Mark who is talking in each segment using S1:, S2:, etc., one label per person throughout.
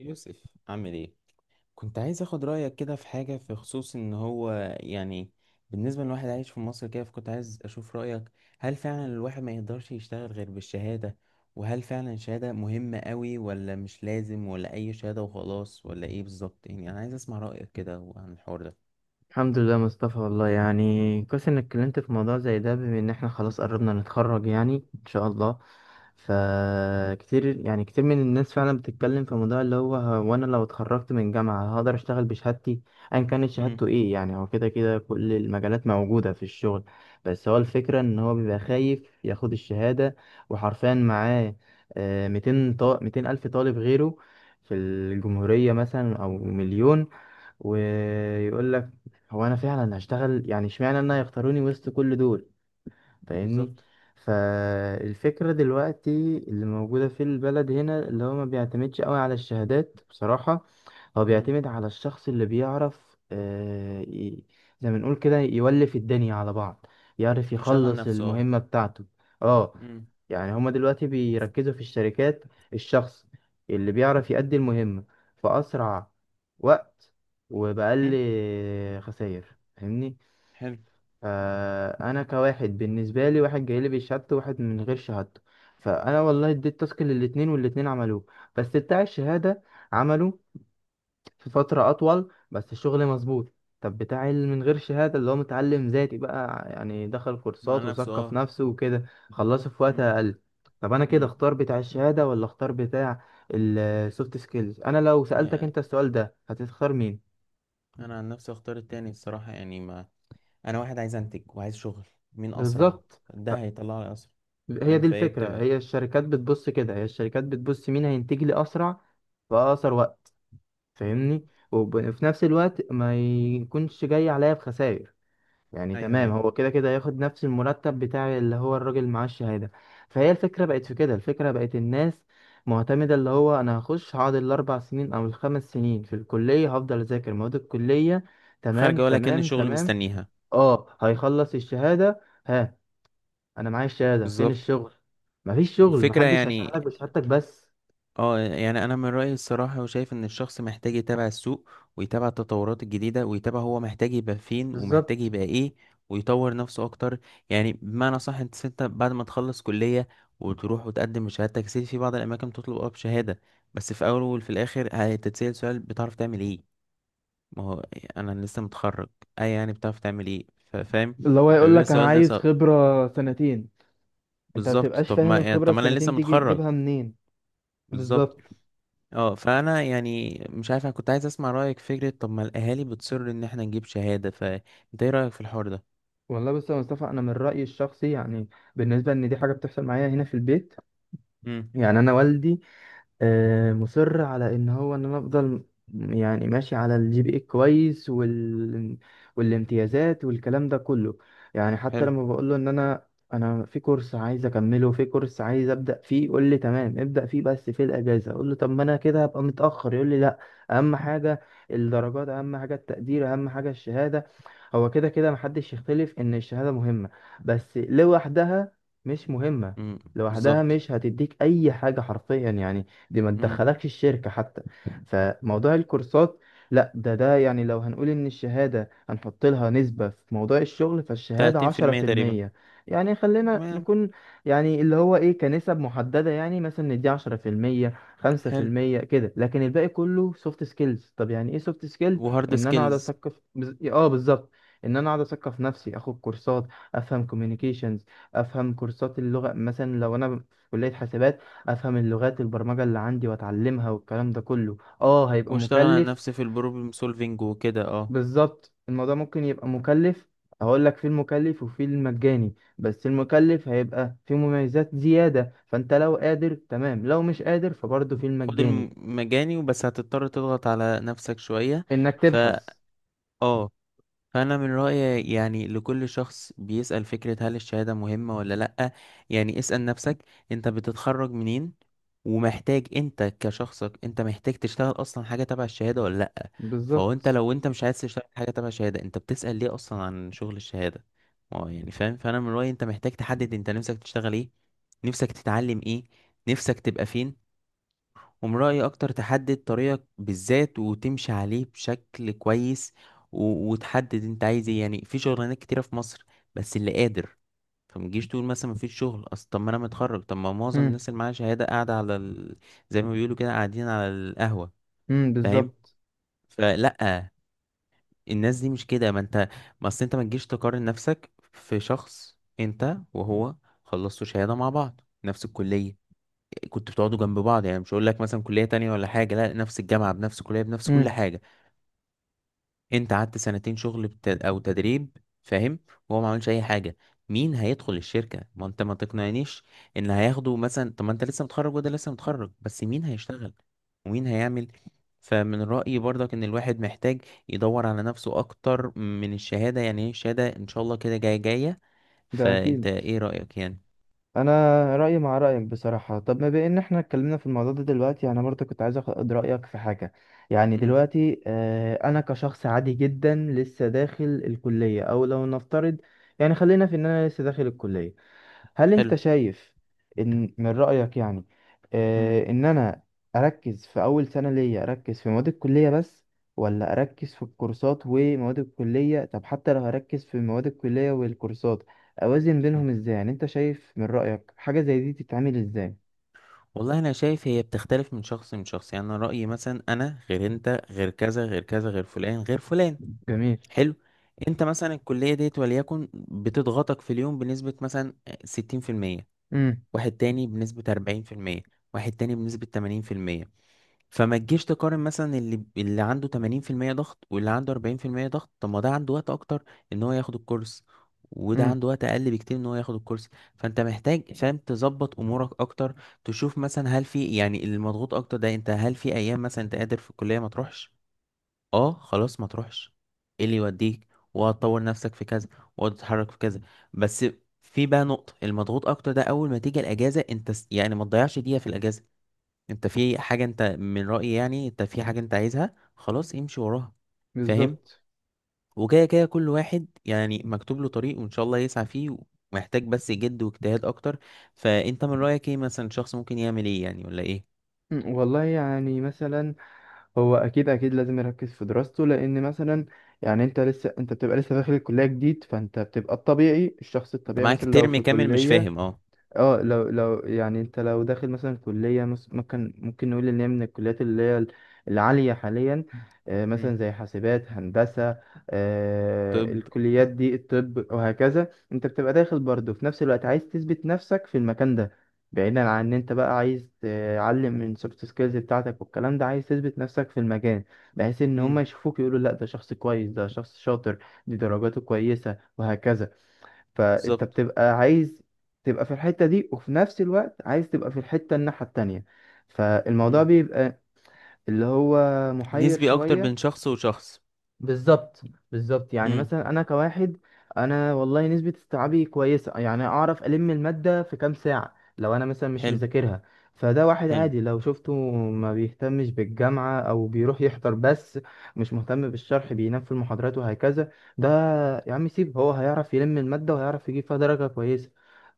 S1: يوسف، عامل ايه؟ كنت عايز اخد رايك كده في حاجه، في خصوص ان هو يعني بالنسبه لواحد عايش في مصر كده، فكنت عايز اشوف رايك. هل فعلا الواحد ما يقدرش يشتغل غير بالشهاده؟ وهل فعلا الشهاده مهمه قوي ولا مش لازم ولا اي شهاده وخلاص ولا ايه بالظبط؟ يعني انا عايز اسمع رايك كده عن الحوار ده.
S2: الحمد لله مصطفى، والله يعني كويس انك اتكلمت في موضوع زي ده بما ان احنا خلاص قربنا نتخرج يعني ان شاء الله. فكتير يعني كتير من الناس فعلا بتتكلم في موضوع اللي هو انا لو اتخرجت من جامعة هقدر اشتغل بشهادتي. ايا كانت
S1: امم.
S2: شهادته ايه، يعني هو كده كده كل المجالات موجودة في الشغل. بس هو الفكرة ان هو بيبقى خايف ياخد الشهادة، وحرفيا معاه 200 200 الف طالب غيره في الجمهورية مثلا او مليون. ويقول لك، هو انا فعلا هشتغل؟ يعني اشمعنى انا يختاروني وسط كل دول؟ فاهمني؟
S1: بالظبط.
S2: فالفكرة دلوقتي اللي موجودة في البلد هنا، اللي هو ما بيعتمدش قوي على الشهادات بصراحة. هو
S1: امم.
S2: بيعتمد على الشخص اللي بيعرف، زي ما نقول كده، يولف الدنيا على بعض، يعرف
S1: يشغل
S2: يخلص
S1: نفسه اه.
S2: المهمة بتاعته. اه،
S1: امم.
S2: يعني هما دلوقتي بيركزوا في الشركات، الشخص اللي بيعرف يأدي المهمة في أسرع وقت وبأقل
S1: أمم،
S2: خسائر. فاهمني؟
S1: حلو.
S2: فأنا كواحد بالنسبة لي، واحد جاي لي بشهادته وواحد من غير شهادته. فأنا والله اديت تاسك للاتنين، والاتنين عملوه بس بتاع الشهادة عمله في فترة أطول بس الشغل مظبوط. طب بتاع اللي من غير شهادة، اللي هو متعلم ذاتي بقى يعني دخل
S1: مع
S2: كورسات
S1: نفسه
S2: وثقف
S1: اه.
S2: نفسه وكده، خلصه في وقت
S1: امم.
S2: أقل. طب أنا كده
S1: امم.
S2: أختار بتاع الشهادة ولا أختار بتاع السوفت سكيلز؟ أنا لو سألتك
S1: يعني
S2: أنت السؤال ده هتختار مين؟
S1: انا عن نفسي اختار التاني الصراحه، يعني انا واحد عايز انتج وعايز شغل. مين اسرع
S2: بالظبط. ه-
S1: ده هيطلع لي اسرع.
S2: هي
S1: فاهم
S2: دي
S1: فايه
S2: الفكرة،
S1: بتبقى.
S2: هي الشركات بتبص كده، هي الشركات بتبص مين هينتج لي أسرع في أقصر وقت.
S1: مم.
S2: فاهمني؟ وفي نفس الوقت ما يكونش جاي عليا بخسائر، يعني
S1: ايوه
S2: تمام،
S1: ايوه.
S2: هو كده كده هياخد نفس المرتب بتاع اللي هو الراجل معاه الشهادة. فهي الفكرة بقت في كده، الفكرة بقت الناس معتمدة اللي هو أنا هخش هقعد الأربع سنين أو الخمس سنين في الكلية هفضل أذاكر مواد الكلية. تمام
S1: خارجه ولا كأن
S2: تمام
S1: شغل
S2: تمام.
S1: مستنيها.
S2: اه، هيخلص الشهادة. ها، أنا معايا الشهادة، فين
S1: بالظبط.
S2: الشغل؟ مفيش شغل،
S1: والفكره
S2: محدش
S1: يعني
S2: هيشغلك بشهادتك بس.
S1: اه، يعني انا من رايي الصراحه وشايف ان الشخص محتاج يتابع السوق، ويتابع التطورات الجديده، ويتابع هو محتاج يبقى فين ومحتاج
S2: بالظبط.
S1: يبقى ايه، ويطور نفسه اكتر. يعني بمعنى صح، انت بعد ما تخلص كليه وتروح وتقدم شهادتك، سيدي في بعض الاماكن تطلب اه بشهاده. بس في اول وفي الاخر هتتسأل سؤال: بتعرف تعمل ايه؟ ما هو إيه، انا لسه متخرج. اي يعني بتعرف تعمل ايه. فاهم.
S2: اللي هو يقول
S1: فبيبقى
S2: لك أنا
S1: السؤال ده
S2: عايز
S1: صعب.
S2: خبرة سنتين، أنت ما
S1: بالظبط.
S2: بتبقاش
S1: طب
S2: فاهم
S1: ما يعني
S2: الخبرة
S1: طب ما انا لسه
S2: السنتين دي
S1: متخرج.
S2: تجيبها منين.
S1: بالظبط.
S2: بالظبط.
S1: اه فانا يعني مش عارف، انا كنت عايز اسمع رايك في فكره: طب ما الاهالي بتصر ان احنا نجيب شهاده، فانت ايه رايك في الحوار ده؟
S2: والله بص يا مصطفى، انا من رايي الشخصي يعني، بالنسبه ان دي حاجه بتحصل معايا هنا في البيت.
S1: امم.
S2: يعني انا والدي مصر على ان هو ان انا افضل، يعني ماشي على الجي بي اي كويس والامتيازات والكلام ده كله. يعني حتى
S1: حلو.
S2: لما بقول له ان انا في كورس عايز اكمله، في كورس عايز ابدا فيه، يقول لي تمام ابدا فيه بس في الاجازه، اقول له طب ما انا كده هبقى متاخر، يقول لي لا. اهم حاجه الدرجات، اهم حاجه التقدير، اهم حاجه الشهاده. هو كده كده محدش يختلف ان الشهاده مهمه، بس لوحدها مش مهمه.
S1: امم.
S2: لوحدها
S1: بالظبط.
S2: مش هتديك اي حاجه حرفيا يعني. دي ما
S1: امم.
S2: تدخلكش الشركة حتى. فموضوع الكورسات، لا، ده يعني لو هنقول ان الشهادة هنحط لها نسبة في موضوع الشغل فالشهادة عشرة
S1: 30%
S2: في
S1: تقريبا.
S2: المية يعني خلينا
S1: تمام.
S2: نكون يعني اللي هو ايه كنسب محددة، يعني مثلا ندي 10%، خمسة في
S1: حلو.
S2: المية كده، لكن الباقي كله سوفت سكيلز. طب يعني ايه سوفت سكيلز؟
S1: وهارد
S2: ان انا اقعد
S1: سكيلز.
S2: اثقف اه، بالظبط. ان انا اقعد اثقف نفسي، اخد كورسات. افهم كوميونيكيشنز، افهم كورسات اللغة مثلا، لو انا في كلية حاسبات افهم اللغات البرمجه اللي عندي واتعلمها، والكلام ده كله اه هيبقى
S1: واشتغل على
S2: مكلف.
S1: نفسي في البروبلم سولفينج وكده اه.
S2: بالظبط، الموضوع ممكن يبقى مكلف. هقول لك في المكلف وفي المجاني، بس المكلف هيبقى فيه مميزات زياده، فانت لو قادر تمام، لو مش قادر فبرضه في
S1: خد
S2: المجاني
S1: المجاني وبس، هتضطر تضغط على نفسك شويه.
S2: انك
S1: ف،
S2: تبحث.
S1: اه. فانا من رايي يعني لكل شخص بيسال فكره هل الشهاده مهمه ولا لا: يعني اسال نفسك، انت بتتخرج منين، ومحتاج انت كشخصك انت محتاج تشتغل اصلا حاجه تبع الشهاده ولا لا. فهو انت
S2: بالظبط.
S1: لو انت مش عايز تشتغل حاجه تبع الشهاده، انت بتسال ليه اصلا عن شغل الشهاده. اه يعني فاهم. فانا من رايي انت محتاج تحدد انت نفسك تشتغل ايه، نفسك تتعلم ايه، نفسك تبقى فين. من رأيي أكتر تحدد طريقك بالذات وتمشي عليه بشكل كويس. وتحدد أنت عايز إيه. يعني في شغلانات كتيرة في مصر، بس اللي قادر. فما تجيش تقول مثلا مفيش شغل. أصل طب ما أنا متخرج. طب ما معظم
S2: امم.
S1: الناس اللي معاها شهادة قاعدة على زي ما بيقولوا كده، قاعدين على القهوة.
S2: امم.
S1: فاهم.
S2: بالظبط.
S1: فلأ، الناس دي مش كده. ما أنت ما أصل أنت ما تجيش تقارن نفسك في شخص. أنت وهو خلصتوا شهادة مع بعض، نفس الكلية، كنت بتقعدوا جنب بعض. يعني مش هقول لك مثلا كلية تانية ولا حاجة، لا، نفس الجامعة بنفس الكلية بنفس كل
S2: امم.
S1: حاجة. انت قعدت سنتين شغل او تدريب، فاهم. وهو ما عملش اي حاجة. مين هيدخل الشركة؟ ما انت ما تقنعنيش ان هياخدوا مثلا. طب ما انت لسه متخرج وده لسه متخرج، بس مين هيشتغل ومين هيعمل؟ فمن رأيي برضك ان الواحد محتاج يدور على نفسه اكتر من الشهادة. يعني ايه الشهادة؟ ان شاء الله كده جاية جاية.
S2: ده
S1: فانت
S2: اكيد.
S1: ايه رأيك يعني؟
S2: انا رايي مع رايك بصراحه. طب ما بان احنا اتكلمنا في الموضوع ده دلوقتي، يعني انا برضه كنت عايز اخد رايك في حاجه. يعني
S1: امم.
S2: دلوقتي انا كشخص عادي جدا لسه داخل الكليه، او لو نفترض يعني خلينا في ان انا لسه داخل الكليه. هل انت
S1: حلو.
S2: شايف ان من رأيك يعني،
S1: مم.
S2: ان انا اركز في اول سنة ليا، اركز في مواد الكلية بس؟ ولا اركز في الكورسات ومواد الكلية؟ طب حتى لو هركز في مواد الكلية والكورسات، اوازن بينهم ازاي؟ يعني انت شايف من رأيك حاجة زي دي تتعمل ازاي؟
S1: والله انا شايف هي بتختلف من شخص من شخص. يعني انا رايي مثلا انا غير انت، غير كذا غير كذا، غير فلان غير فلان.
S2: جميل.
S1: حلو. انت مثلا الكليه ديت وليكن بتضغطك في اليوم بنسبه مثلا 60%،
S2: امم.
S1: واحد تاني بنسبه 40%، واحد تاني بنسبه 80%. فما تجيش تقارن مثلا اللي عنده 80% ضغط واللي عنده 40% ضغط. طب ما ده عنده وقت اكتر ان هو ياخد الكورس، وده
S2: امم.
S1: عنده وقت اقل بكتير ان هو ياخد الكورس. فانت محتاج فاهم تظبط امورك اكتر. تشوف مثلا هل في يعني المضغوط اكتر ده، انت هل في ايام مثلا انت قادر في الكلية ما تروحش. اه خلاص ما تروحش، ايه اللي يوديك؟ وهتطور نفسك في كذا وهتتحرك في كذا. بس في بقى نقطة المضغوط أكتر ده، أول ما تيجي الأجازة، أنت يعني ما تضيعش دقيقة في الأجازة. انت في حاجة انت من رأيي يعني انت في حاجة انت عايزها، خلاص امشي وراها. فاهم.
S2: بالظبط.
S1: وكده كده كل واحد يعني مكتوب له طريق وان شاء الله يسعى فيه، ومحتاج بس جد واجتهاد اكتر. فانت من رأيك ايه مثلا شخص ممكن يعمل ايه يعني ولا ايه؟
S2: مم. والله يعني مثلا، هو اكيد اكيد لازم يركز في دراسته لان مثلا. يعني انت لسه انت بتبقى لسه داخل الكليه جديد، فانت بتبقى الطبيعي، الشخص
S1: انت
S2: الطبيعي
S1: معاك
S2: مثلا لو
S1: ترم
S2: في
S1: كامل مش
S2: كليه.
S1: فاهم اه.
S2: اه، لو يعني انت لو داخل مثلا كلية ممكن نقول ان هي من الكليات اللي هي العالية حاليا. مثلا
S1: مم.
S2: زي حاسبات هندسة.
S1: طب.
S2: الكليات دي الطب وهكذا، انت بتبقى داخل برضه في نفس الوقت عايز تثبت نفسك في المكان ده. بعيدا عن ان انت بقى عايز تعلم من سوفت سكيلز بتاعتك والكلام ده، عايز تثبت نفسك في المكان بحيث ان هم
S1: مم.
S2: يشوفوك يقولوا لا ده شخص كويس، ده شخص شاطر، دي درجاته كويسة وهكذا. فانت
S1: بالظبط.
S2: بتبقى عايز تبقى في الحتة دي، وفي نفس الوقت عايز تبقى في الحتة الناحية التانية، فالموضوع
S1: مم.
S2: بيبقى اللي هو محير
S1: نسبي اكتر بين
S2: شوية.
S1: شخص وشخص.
S2: بالظبط. بالظبط. يعني
S1: مم.
S2: مثلا انا كواحد، انا والله نسبة استيعابي كويسة، يعني اعرف المادة في كام ساعة لو انا مثلا مش
S1: حلو.
S2: مذاكرها. فده واحد
S1: حلو.
S2: عادي لو شفته ما بيهتمش بالجامعة او بيروح يحضر بس، مش مهتم بالشرح، بينام في المحاضرات وهكذا. ده يا عم سيب، هو هيعرف يلم المادة وهيعرف يجيب فيها درجة كويسة.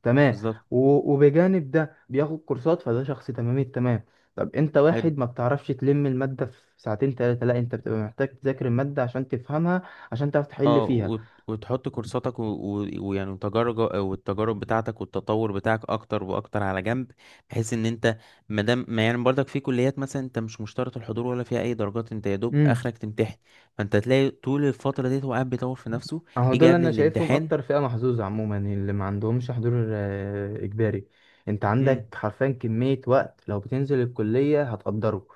S2: تمام.
S1: بالظبط.
S2: وبجانب ده بياخد كورسات، فده شخص تمام التمام. طب انت
S1: حلو.
S2: واحد ما بتعرفش تلم المادة في ساعتين تلاتة، لا انت بتبقى محتاج تذاكر المادة عشان تفهمها، عشان تعرف تحل
S1: اه
S2: فيها.
S1: وتحط كورساتك ويعني وتجارب، والتجارب بتاعتك والتطور بتاعك اكتر واكتر على جنب، بحيث ان انت ما دام ما يعني برضك في كليات مثلا انت مش مشترط الحضور ولا فيها اي درجات، انت يا دوب
S2: امم.
S1: اخرك تمتحن. فانت تلاقي طول الفتره دي هو قاعد بيطور في نفسه.
S2: اهو
S1: يجي
S2: دول
S1: قبل
S2: انا شايفهم
S1: الامتحان.
S2: اكتر فئة محظوظة عموما، اللي ما عندهمش حضور اجباري. انت عندك
S1: امم.
S2: حرفيا كمية وقت لو بتنزل الكلية هتقدره.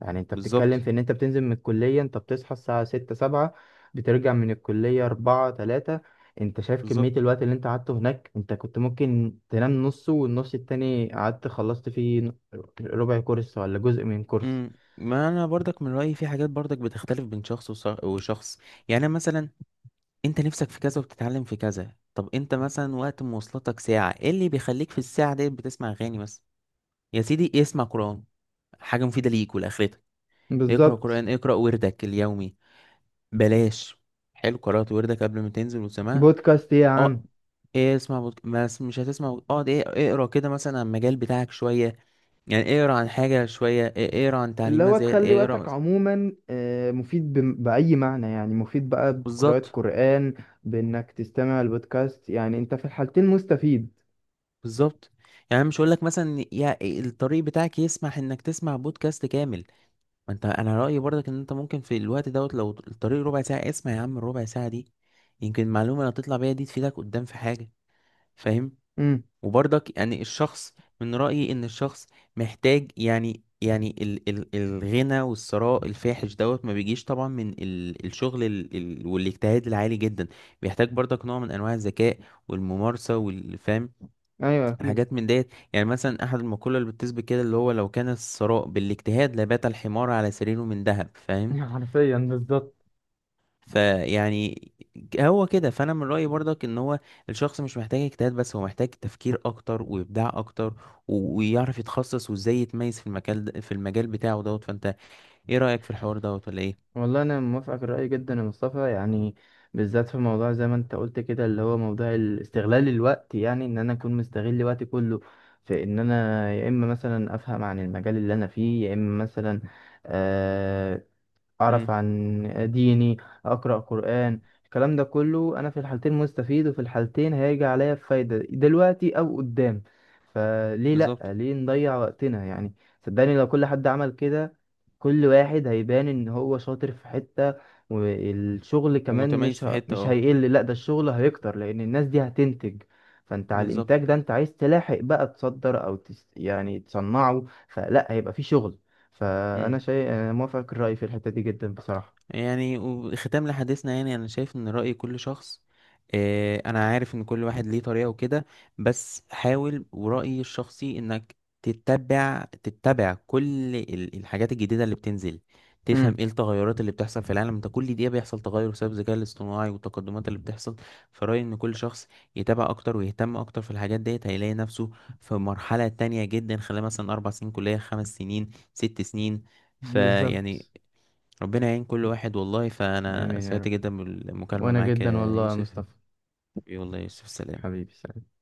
S2: يعني انت بتتكلم
S1: بالظبط.
S2: في ان انت بتنزل من الكلية، انت بتصحى الساعة ستة سبعة. بترجع من الكلية أربعة تلاتة. انت شايف كمية
S1: بالظبط.
S2: الوقت اللي انت قعدته هناك، انت كنت ممكن تنام نصه، والنص التاني قعدت خلصت فيه ربع كورس، ولا جزء من كورس.
S1: امم. ما انا برضك من رايي في حاجات برضك بتختلف بين شخص وشخص. يعني أنا مثلا، انت نفسك في كذا وبتتعلم في كذا. طب انت مثلا وقت مواصلاتك ساعة، ايه اللي بيخليك في الساعة دي بتسمع اغاني بس؟ يا سيدي اسمع قرآن، حاجة مفيدة ليك ولآخرتك. اقرأ
S2: بالظبط.
S1: قرآن، اقرأ وردك اليومي. بلاش. حلو، قرأت وردك قبل ما تنزل، وسمعت
S2: بودكاست ايه يا
S1: اه.
S2: عم؟
S1: ايه، اسمع بس مش هتسمع اقعد ايه، اقرا كده مثلا عن المجال بتاعك شوية. يعني اقرا عن حاجة شوية، ايه اقرا عن
S2: اللي
S1: تعليمات،
S2: هو
S1: زي
S2: تخلي
S1: اقرا
S2: وقتك
S1: مثلا.
S2: عموما مفيد بأي معنى، يعني مفيد بقى بقراءة
S1: بالظبط.
S2: قرآن. بإنك تستمع البودكاست، يعني انت في الحالتين مستفيد.
S1: بالظبط. يعني مش هقول لك مثلا يا الطريق بتاعك يسمح انك تسمع بودكاست كامل، ما انت انا رايي برضك ان انت ممكن في الوقت دوت لو الطريق ربع ساعه، اسمع يا عم الربع ساعه دي. يمكن المعلومه اللي هتطلع بيها دي تفيدك قدام في حاجه. فاهم.
S2: امم.
S1: وبرضك يعني الشخص، من رايي ان الشخص محتاج يعني، يعني ال ال الغنى والثراء الفاحش دوت ما بيجيش طبعا من ال الشغل ال ال والاجتهاد العالي جدا. بيحتاج برضك نوع من انواع الذكاء والممارسه والفهم،
S2: ايوه، اكيد.
S1: الحاجات من ديت. يعني مثلا احد المقوله اللي بتثبت كده اللي هو: لو كان الثراء بالاجتهاد لبات الحمار على سريره من ذهب. فاهم.
S2: حرفيا بالظبط.
S1: فيعني هو كده. فانا من رايي برضك ان هو الشخص مش محتاج اجتهاد بس، هو محتاج تفكير اكتر وابداع اكتر، ويعرف يتخصص وازاي يتميز في المجال ده، في المجال بتاعه دوت. فانت ايه رايك في الحوار دوت ولا ايه؟
S2: والله انا موافقك الرأي جدا يا مصطفى، يعني. بالذات في موضوع زي ما انت قلت كده، اللي هو موضوع استغلال الوقت، يعني ان انا اكون مستغل وقتي كله في ان انا يا اما مثلا افهم عن المجال اللي انا فيه، يا اما مثلا. آه، أعرف
S1: امم.
S2: عن ديني، أقرأ قرآن، الكلام ده كله. أنا في الحالتين مستفيد وفي الحالتين هيجي عليا بفايدة دلوقتي أو قدام. فليه، لأ،
S1: بالظبط.
S2: ليه نضيع وقتنا يعني؟ صدقني، لو كل حد عمل كده، كل واحد هيبان إن هو شاطر في حتة، والشغل كمان
S1: ومتميز في حته
S2: مش
S1: اه.
S2: هيقل، لأ ده الشغل هيكتر لأن الناس دي هتنتج. فانت على
S1: بالظبط.
S2: الانتاج ده، انت عايز تلاحق بقى تصدر او يعني تصنعه فلا هيبقى في شغل. فأنا
S1: مم.
S2: شيء، أنا موافقك الرأي في الحتة دي جدا بصراحة.
S1: يعني وختام لحديثنا، يعني انا شايف ان رأي كل شخص، آه، انا عارف ان كل واحد ليه طريقة وكده، بس حاول، ورأيي الشخصي انك تتبع كل الحاجات الجديدة اللي بتنزل. تفهم
S2: امم.
S1: ايه التغيرات اللي بتحصل في العالم. انت كل دقيقة بيحصل تغير بسبب الذكاء الاصطناعي والتقدمات اللي بتحصل. فرأيي ان كل شخص يتابع اكتر ويهتم اكتر في الحاجات ديت، هيلاقي نفسه في مرحلة تانية جدا خلال مثلا اربع سنين كلية، خمس سنين، ست سنين. فيعني
S2: بالظبط.
S1: ربنا يعين كل واحد والله. فأنا
S2: آمين يا
S1: سعدت
S2: رب.
S1: جدا بالمكالمة
S2: وأنا
S1: معاك
S2: جدا
S1: يا
S2: والله يا
S1: يوسف.
S2: مصطفى،
S1: والله يا يوسف، سلام.
S2: حبيبي، سلام.